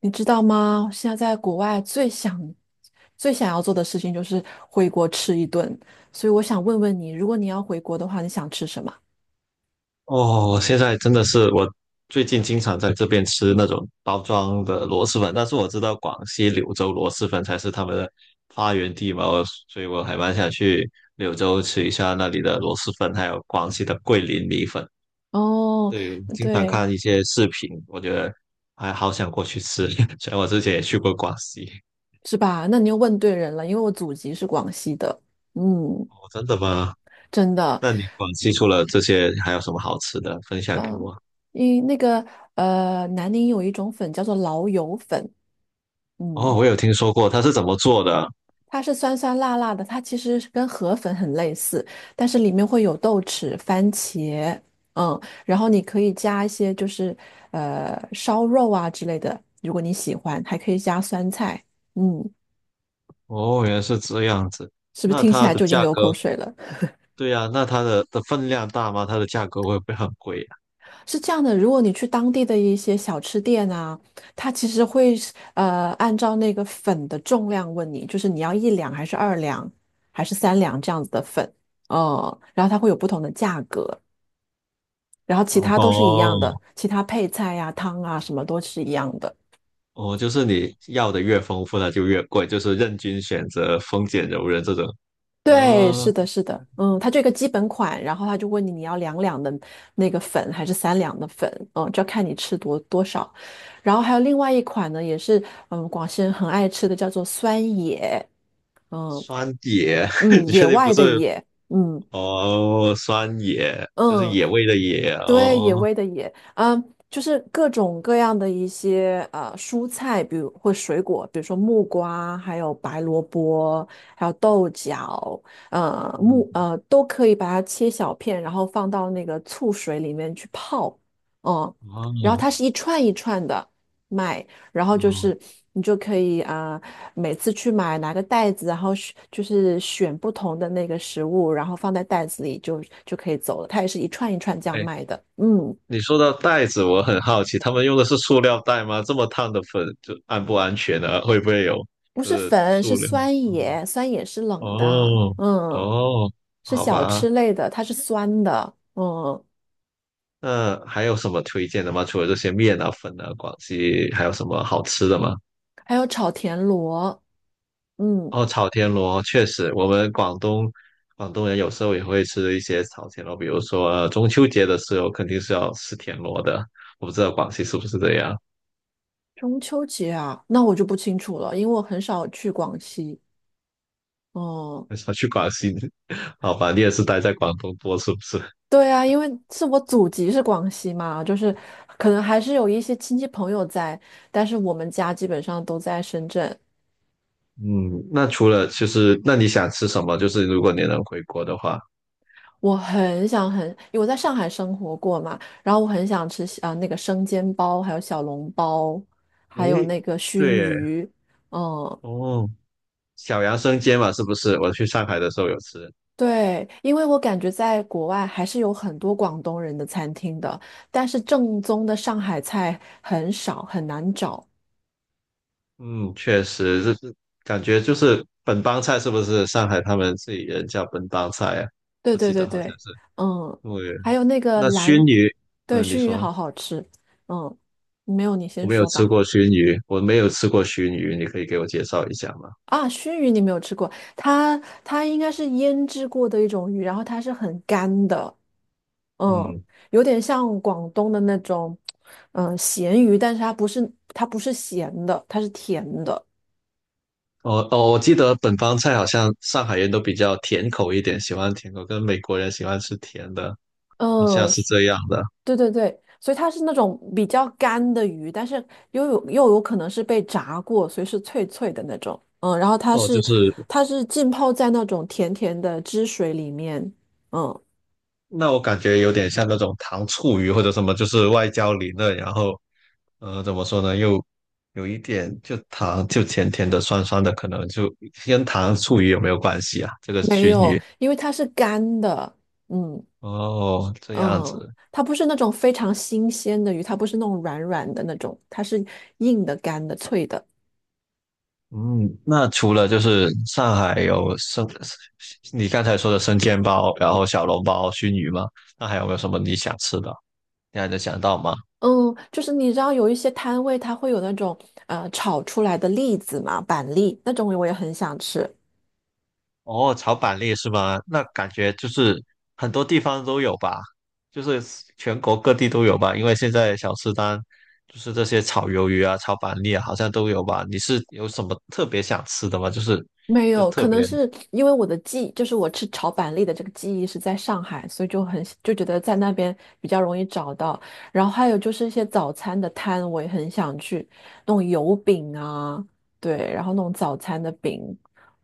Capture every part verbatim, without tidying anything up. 你知道吗？现在在国外最想、最想要做的事情就是回国吃一顿，所以我想问问你，如果你要回国的话，你想吃什么？哦，现在真的是我最近经常在这边吃那种包装的螺蛳粉，但是我知道广西柳州螺蛳粉才是他们的发源地嘛，我所以我还蛮想去柳州吃一下那里的螺蛳粉，还有广西的桂林米粉。哦，对，我经常对，看一些视频，我觉得还好想过去吃。虽然我之前也去过广西，是吧？那你又问对人了，因为我祖籍是广西的。嗯，哦，真的吗？真的。那你广西除了这些还有什么好吃的分享给嗯、我？因为那个呃，南宁有一种粉叫做老友粉。哦，嗯，我有听说过，它是怎么做的啊？它是酸酸辣辣的，它其实是跟河粉很类似，但是里面会有豆豉、番茄。嗯，然后你可以加一些就是呃烧肉啊之类的，如果你喜欢，还可以加酸菜。嗯，哦，原来是这样子。是不是那听起它来的就已经价流格，口水了？对呀，那它的的分量大吗？它的价格会不会很贵呀？是这样的，如果你去当地的一些小吃店啊，它其实会是呃按照那个粉的重量问你，就是你要一两还是二两还是三两这样子的粉，嗯，然后它会有不同的价格。然后其他都是一样的，哦其他配菜呀、汤啊什么都是一样的。哦，就是你要的越丰富，它就越贵，就是任君选择，丰俭由人这种。对，嗯，是的，是的。嗯，它这个基本款，然后他就问你你要两两的那个粉还是三两的粉，嗯，就要看你吃多多少。然后还有另外一款呢，也是嗯广西人很爱吃的，叫做酸野。嗯，酸野，嗯，你野确定不外的是？野。嗯。哦，酸野就是嗯，野味的野。对，野哦，味的野，嗯，就是各种各样的一些呃蔬菜，比如或水果，比如说木瓜，还有白萝卜，还有豆角，呃嗯，木呃都可以把它切小片，然后放到那个醋水里面去泡。嗯，然后哦它是一串一串的卖，然后就哦，是你就可以啊、每次去买拿个袋子，然后选就是选不同的那个食物，然后放在袋子里就就可以走了。它也是一串一串这样哎。卖的。嗯，你说到袋子，我很好奇，他们用的是塑料袋吗？这么烫的粉，就安不安全呢？会不会有不就是是粉，是塑料？酸野，酸野是冷的。哦嗯，哦，是好小吧。吃类的，它是酸的。嗯，那还有什么推荐的吗？除了这些面啊、粉啊，广西还有什么好吃的吗？还有炒田螺。嗯，哦，炒田螺，确实，我们广东广东人有时候也会吃一些炒田螺，比如说，呃，中秋节的时候肯定是要吃田螺的。我不知道广西是不是这样。中秋节啊，那我就不清楚了，因为我很少去广西。嗯。很少去广西，好吧？你也是待在广东多，是不是？对啊，因为是我祖籍是广西嘛，就是可能还是有一些亲戚朋友在，但是我们家基本上都在深圳。嗯，那除了就是，那你想吃什么？就是如果你能回国的话，我很想很，因为我在上海生活过嘛，然后我很想吃啊、呃那个生煎包，还有小笼包，还有诶，那个熏对耶。鱼。嗯。哦，小杨生煎嘛，是不是？我去上海的时候有吃，对，因为我感觉在国外还是有很多广东人的餐厅的，但是正宗的上海菜很少，很难找。嗯，确实就是感觉就是本帮菜，是不是？上海他们自己人叫本帮菜啊，对我对记对得好对。像是。嗯，对，还有那个那熏蓝。鱼，对，嗯，你熏鱼说好好吃。嗯，没有，你我先没有说吃吧。过熏鱼，我没有吃过熏鱼，你可以给我介绍一下吗？啊，熏鱼你没有吃过。它它应该是腌制过的一种鱼，然后它是很干的。嗯，嗯。有点像广东的那种嗯，咸鱼，但是它不是它不是咸的，它是甜的。哦哦，我记得本帮菜好像上海人都比较甜口一点，喜欢甜口，跟美国人喜欢吃甜的，好像嗯，是这样的。对对对，所以它是那种比较干的鱼，但是又有又有可能是被炸过，所以是脆脆的那种。嗯，然后它哦，就是是它是浸泡在那种甜甜的汁水里面。嗯，那我感觉有点像那种糖醋鱼或者什么，就是外焦里嫩，然后呃怎么说呢，又有一点就糖就甜甜的、酸酸的，可能就跟糖醋鱼有没有关系啊？这个没熏有，鱼因为它是干的。嗯哦，这样嗯，子。它不是那种非常新鲜的鱼，它不是那种软软的那种，它是硬的、干的、脆的。嗯，那除了就是上海有生，你刚才说的生煎包，然后小笼包、熏鱼吗？那还有没有什么你想吃的？你还能想到吗？嗯，就是你知道有一些摊位它会有那种呃炒出来的栗子嘛，板栗那种我也很想吃。哦，炒板栗是吗？那感觉就是很多地方都有吧，就是全国各地都有吧。因为现在小吃摊就是这些炒鱿鱼啊、炒板栗啊，好像都有吧。你是有什么特别想吃的吗？就是没就有，特可能别，是因为我的记忆，就是我吃炒板栗的这个记忆是在上海，所以就很就觉得在那边比较容易找到。然后还有就是一些早餐的摊，我也很想去，那种油饼啊。对，然后那种早餐的饼。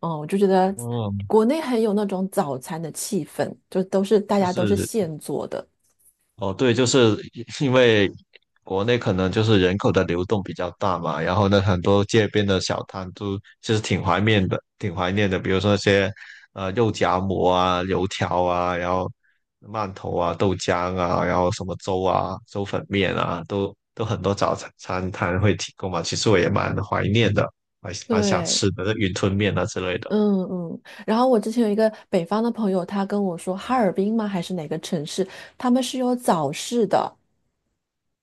嗯，我就觉得嗯，国内很有那种早餐的气氛，就都是大就家都是是。现做的。哦，对，就是因为国内可能就是人口的流动比较大嘛，然后呢，很多街边的小摊都其实挺怀念的，挺怀念的，比如说那些呃肉夹馍啊、油条啊，然后馒头啊、豆浆啊，然后什么粥啊、粥粉面啊，都都很多早餐摊会提供嘛。其实我也蛮怀念的，蛮蛮想对。吃的，那云吞面啊之类的。嗯嗯，然后我之前有一个北方的朋友，他跟我说，哈尔滨吗？还是哪个城市？他们是有早市的。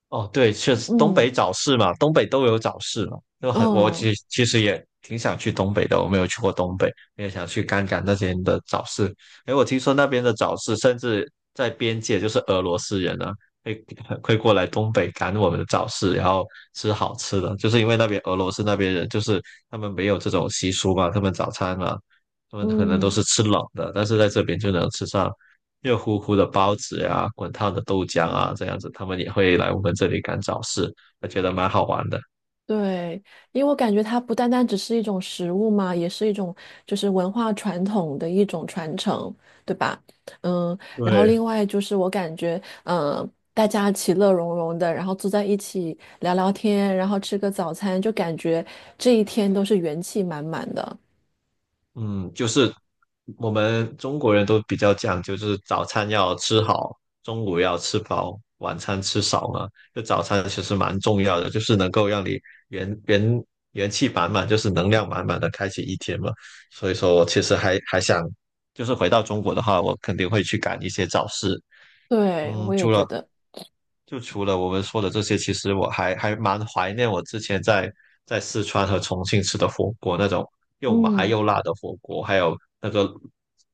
哦，对，确实东嗯。北早市嘛，东北都有早市嘛，就很我嗯其其实也挺想去东北的，我没有去过东北，也想去看看那边的早市。哎，我听说那边的早市，甚至在边界，就是俄罗斯人呢，会会过来东北赶我们的早市，然后吃好吃的，就是因为那边俄罗斯那边人，就是他们没有这种习俗嘛，他们早餐嘛，他们可能都嗯，是吃冷的，但是在这边就能吃上热乎乎的包子呀、滚烫的豆浆啊，这样子，他们也会来我们这里赶早市，我觉得蛮好玩的。对，因为我感觉它不单单只是一种食物嘛，也是一种就是文化传统的一种传承，对吧？嗯，然后对，另外就是我感觉，嗯、大家其乐融融的，然后坐在一起聊聊天，然后吃个早餐，就感觉这一天都是元气满满的。嗯，就是我们中国人都比较讲究，就是早餐要吃好，中午要吃饱，晚餐吃少嘛。就早餐其实蛮重要的，就是能够让你元元元气满满，就是能量满满的开启一天嘛。所以说我其实还还想，就是回到中国的话，我肯定会去赶一些早市。对，嗯，我也除觉了得。就除了我们说的这些，其实我还还蛮怀念我之前在在四川和重庆吃的火锅，那种又麻嗯。又辣的火锅，还有那个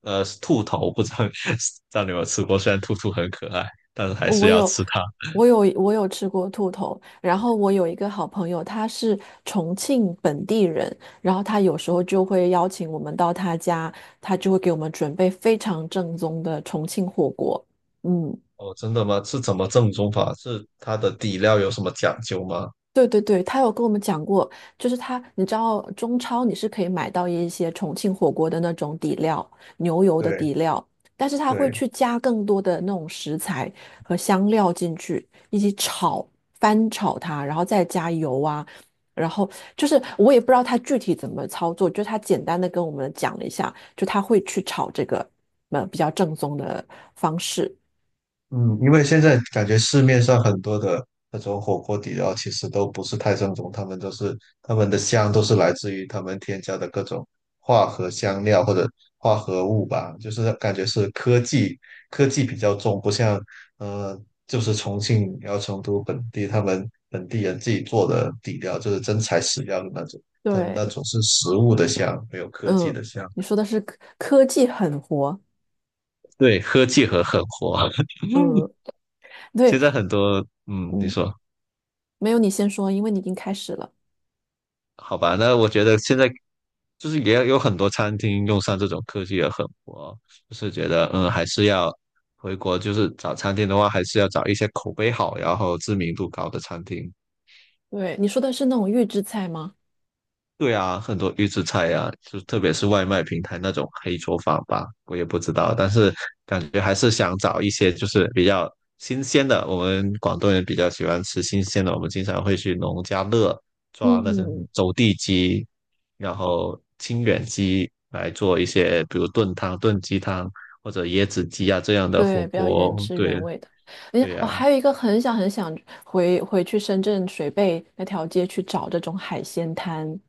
呃兔头，不知道 知道你有没有吃过？虽然兔兔很可爱，但是还是我要有，吃它。我有，我有吃过兔头。然后我有一个好朋友，他是重庆本地人，然后他有时候就会邀请我们到他家，他就会给我们准备非常正宗的重庆火锅。嗯，哦，真的吗？是怎么正宗法？是它的底料有什么讲究吗？对对对，他有跟我们讲过。就是他，你知道中超你是可以买到一些重庆火锅的那种底料，牛油的对底料，但是他会对，去加更多的那种食材和香料进去，一起炒，翻炒它，然后再加油啊，然后就是我也不知道他具体怎么操作，就他简单的跟我们讲了一下，就他会去炒这个呃，比较正宗的方式。嗯，因为现在感觉市面上很多的那种火锅底料其实都不是太正宗，他们都是他们的香都是来自于他们添加的各种化合香料或者化合物吧，就是感觉是科技科技比较重，不像呃就是重庆然后成都本地他们本地人自己做的底料，就是真材实料的那种，但那对，种是食物的香，没有科技嗯，的香。你说的是科科技狠活。对，科技和狠活，嗯，对。现在很多，嗯，你嗯，说。没有，你先说，因为你已经开始了。好吧，那我觉得现在就是也有很多餐厅用上这种科技也很火，就是觉得嗯，还是要回国，就是找餐厅的话，还是要找一些口碑好，然后知名度高的餐厅。对，你说的是那种预制菜吗？对啊，很多预制菜啊，就特别是外卖平台那种黑厨房吧，我也不知道，但是感觉还是想找一些就是比较新鲜的。我们广东人比较喜欢吃新鲜的，我们经常会去农家乐抓那些嗯，走地鸡，然后清远鸡来做一些，比如炖汤、炖鸡汤或者椰子鸡啊这样的火对，比较原锅。汁原对，味的。哎呀，对呀，我啊，还有一个很想很想回回去深圳水贝那条街去找这种海鲜摊。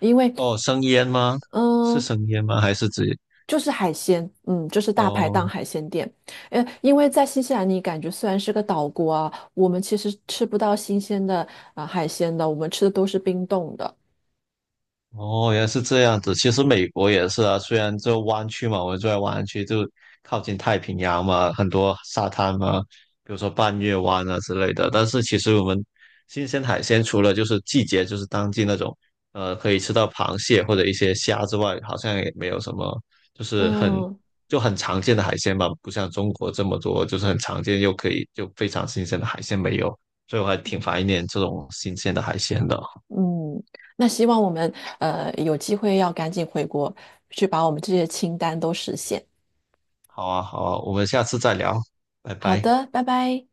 因为哦，生腌吗？是嗯，生腌吗？还是只就是海鲜，嗯，就是大排档哦？海鲜店。呃，因为在新西兰，你感觉虽然是个岛国啊，我们其实吃不到新鲜的啊、海鲜的，我们吃的都是冰冻的。哦，原来是这样子。其实美国也是啊，虽然这湾区嘛，我们住在湾区，就靠近太平洋嘛，很多沙滩嘛，比如说半月湾啊之类的。但是其实我们新鲜海鲜除了就是季节，就是当季那种，呃，可以吃到螃蟹或者一些虾之外，好像也没有什么，就是很嗯，就很常见的海鲜吧，不像中国这么多，就是很常见又可以就非常新鲜的海鲜没有，所以我还挺怀念这种新鲜的海鲜的。嗯，那希望我们呃有机会要赶紧回国，去把我们这些清单都实现。好啊，好啊，我们下次再聊，拜好拜。的，拜拜。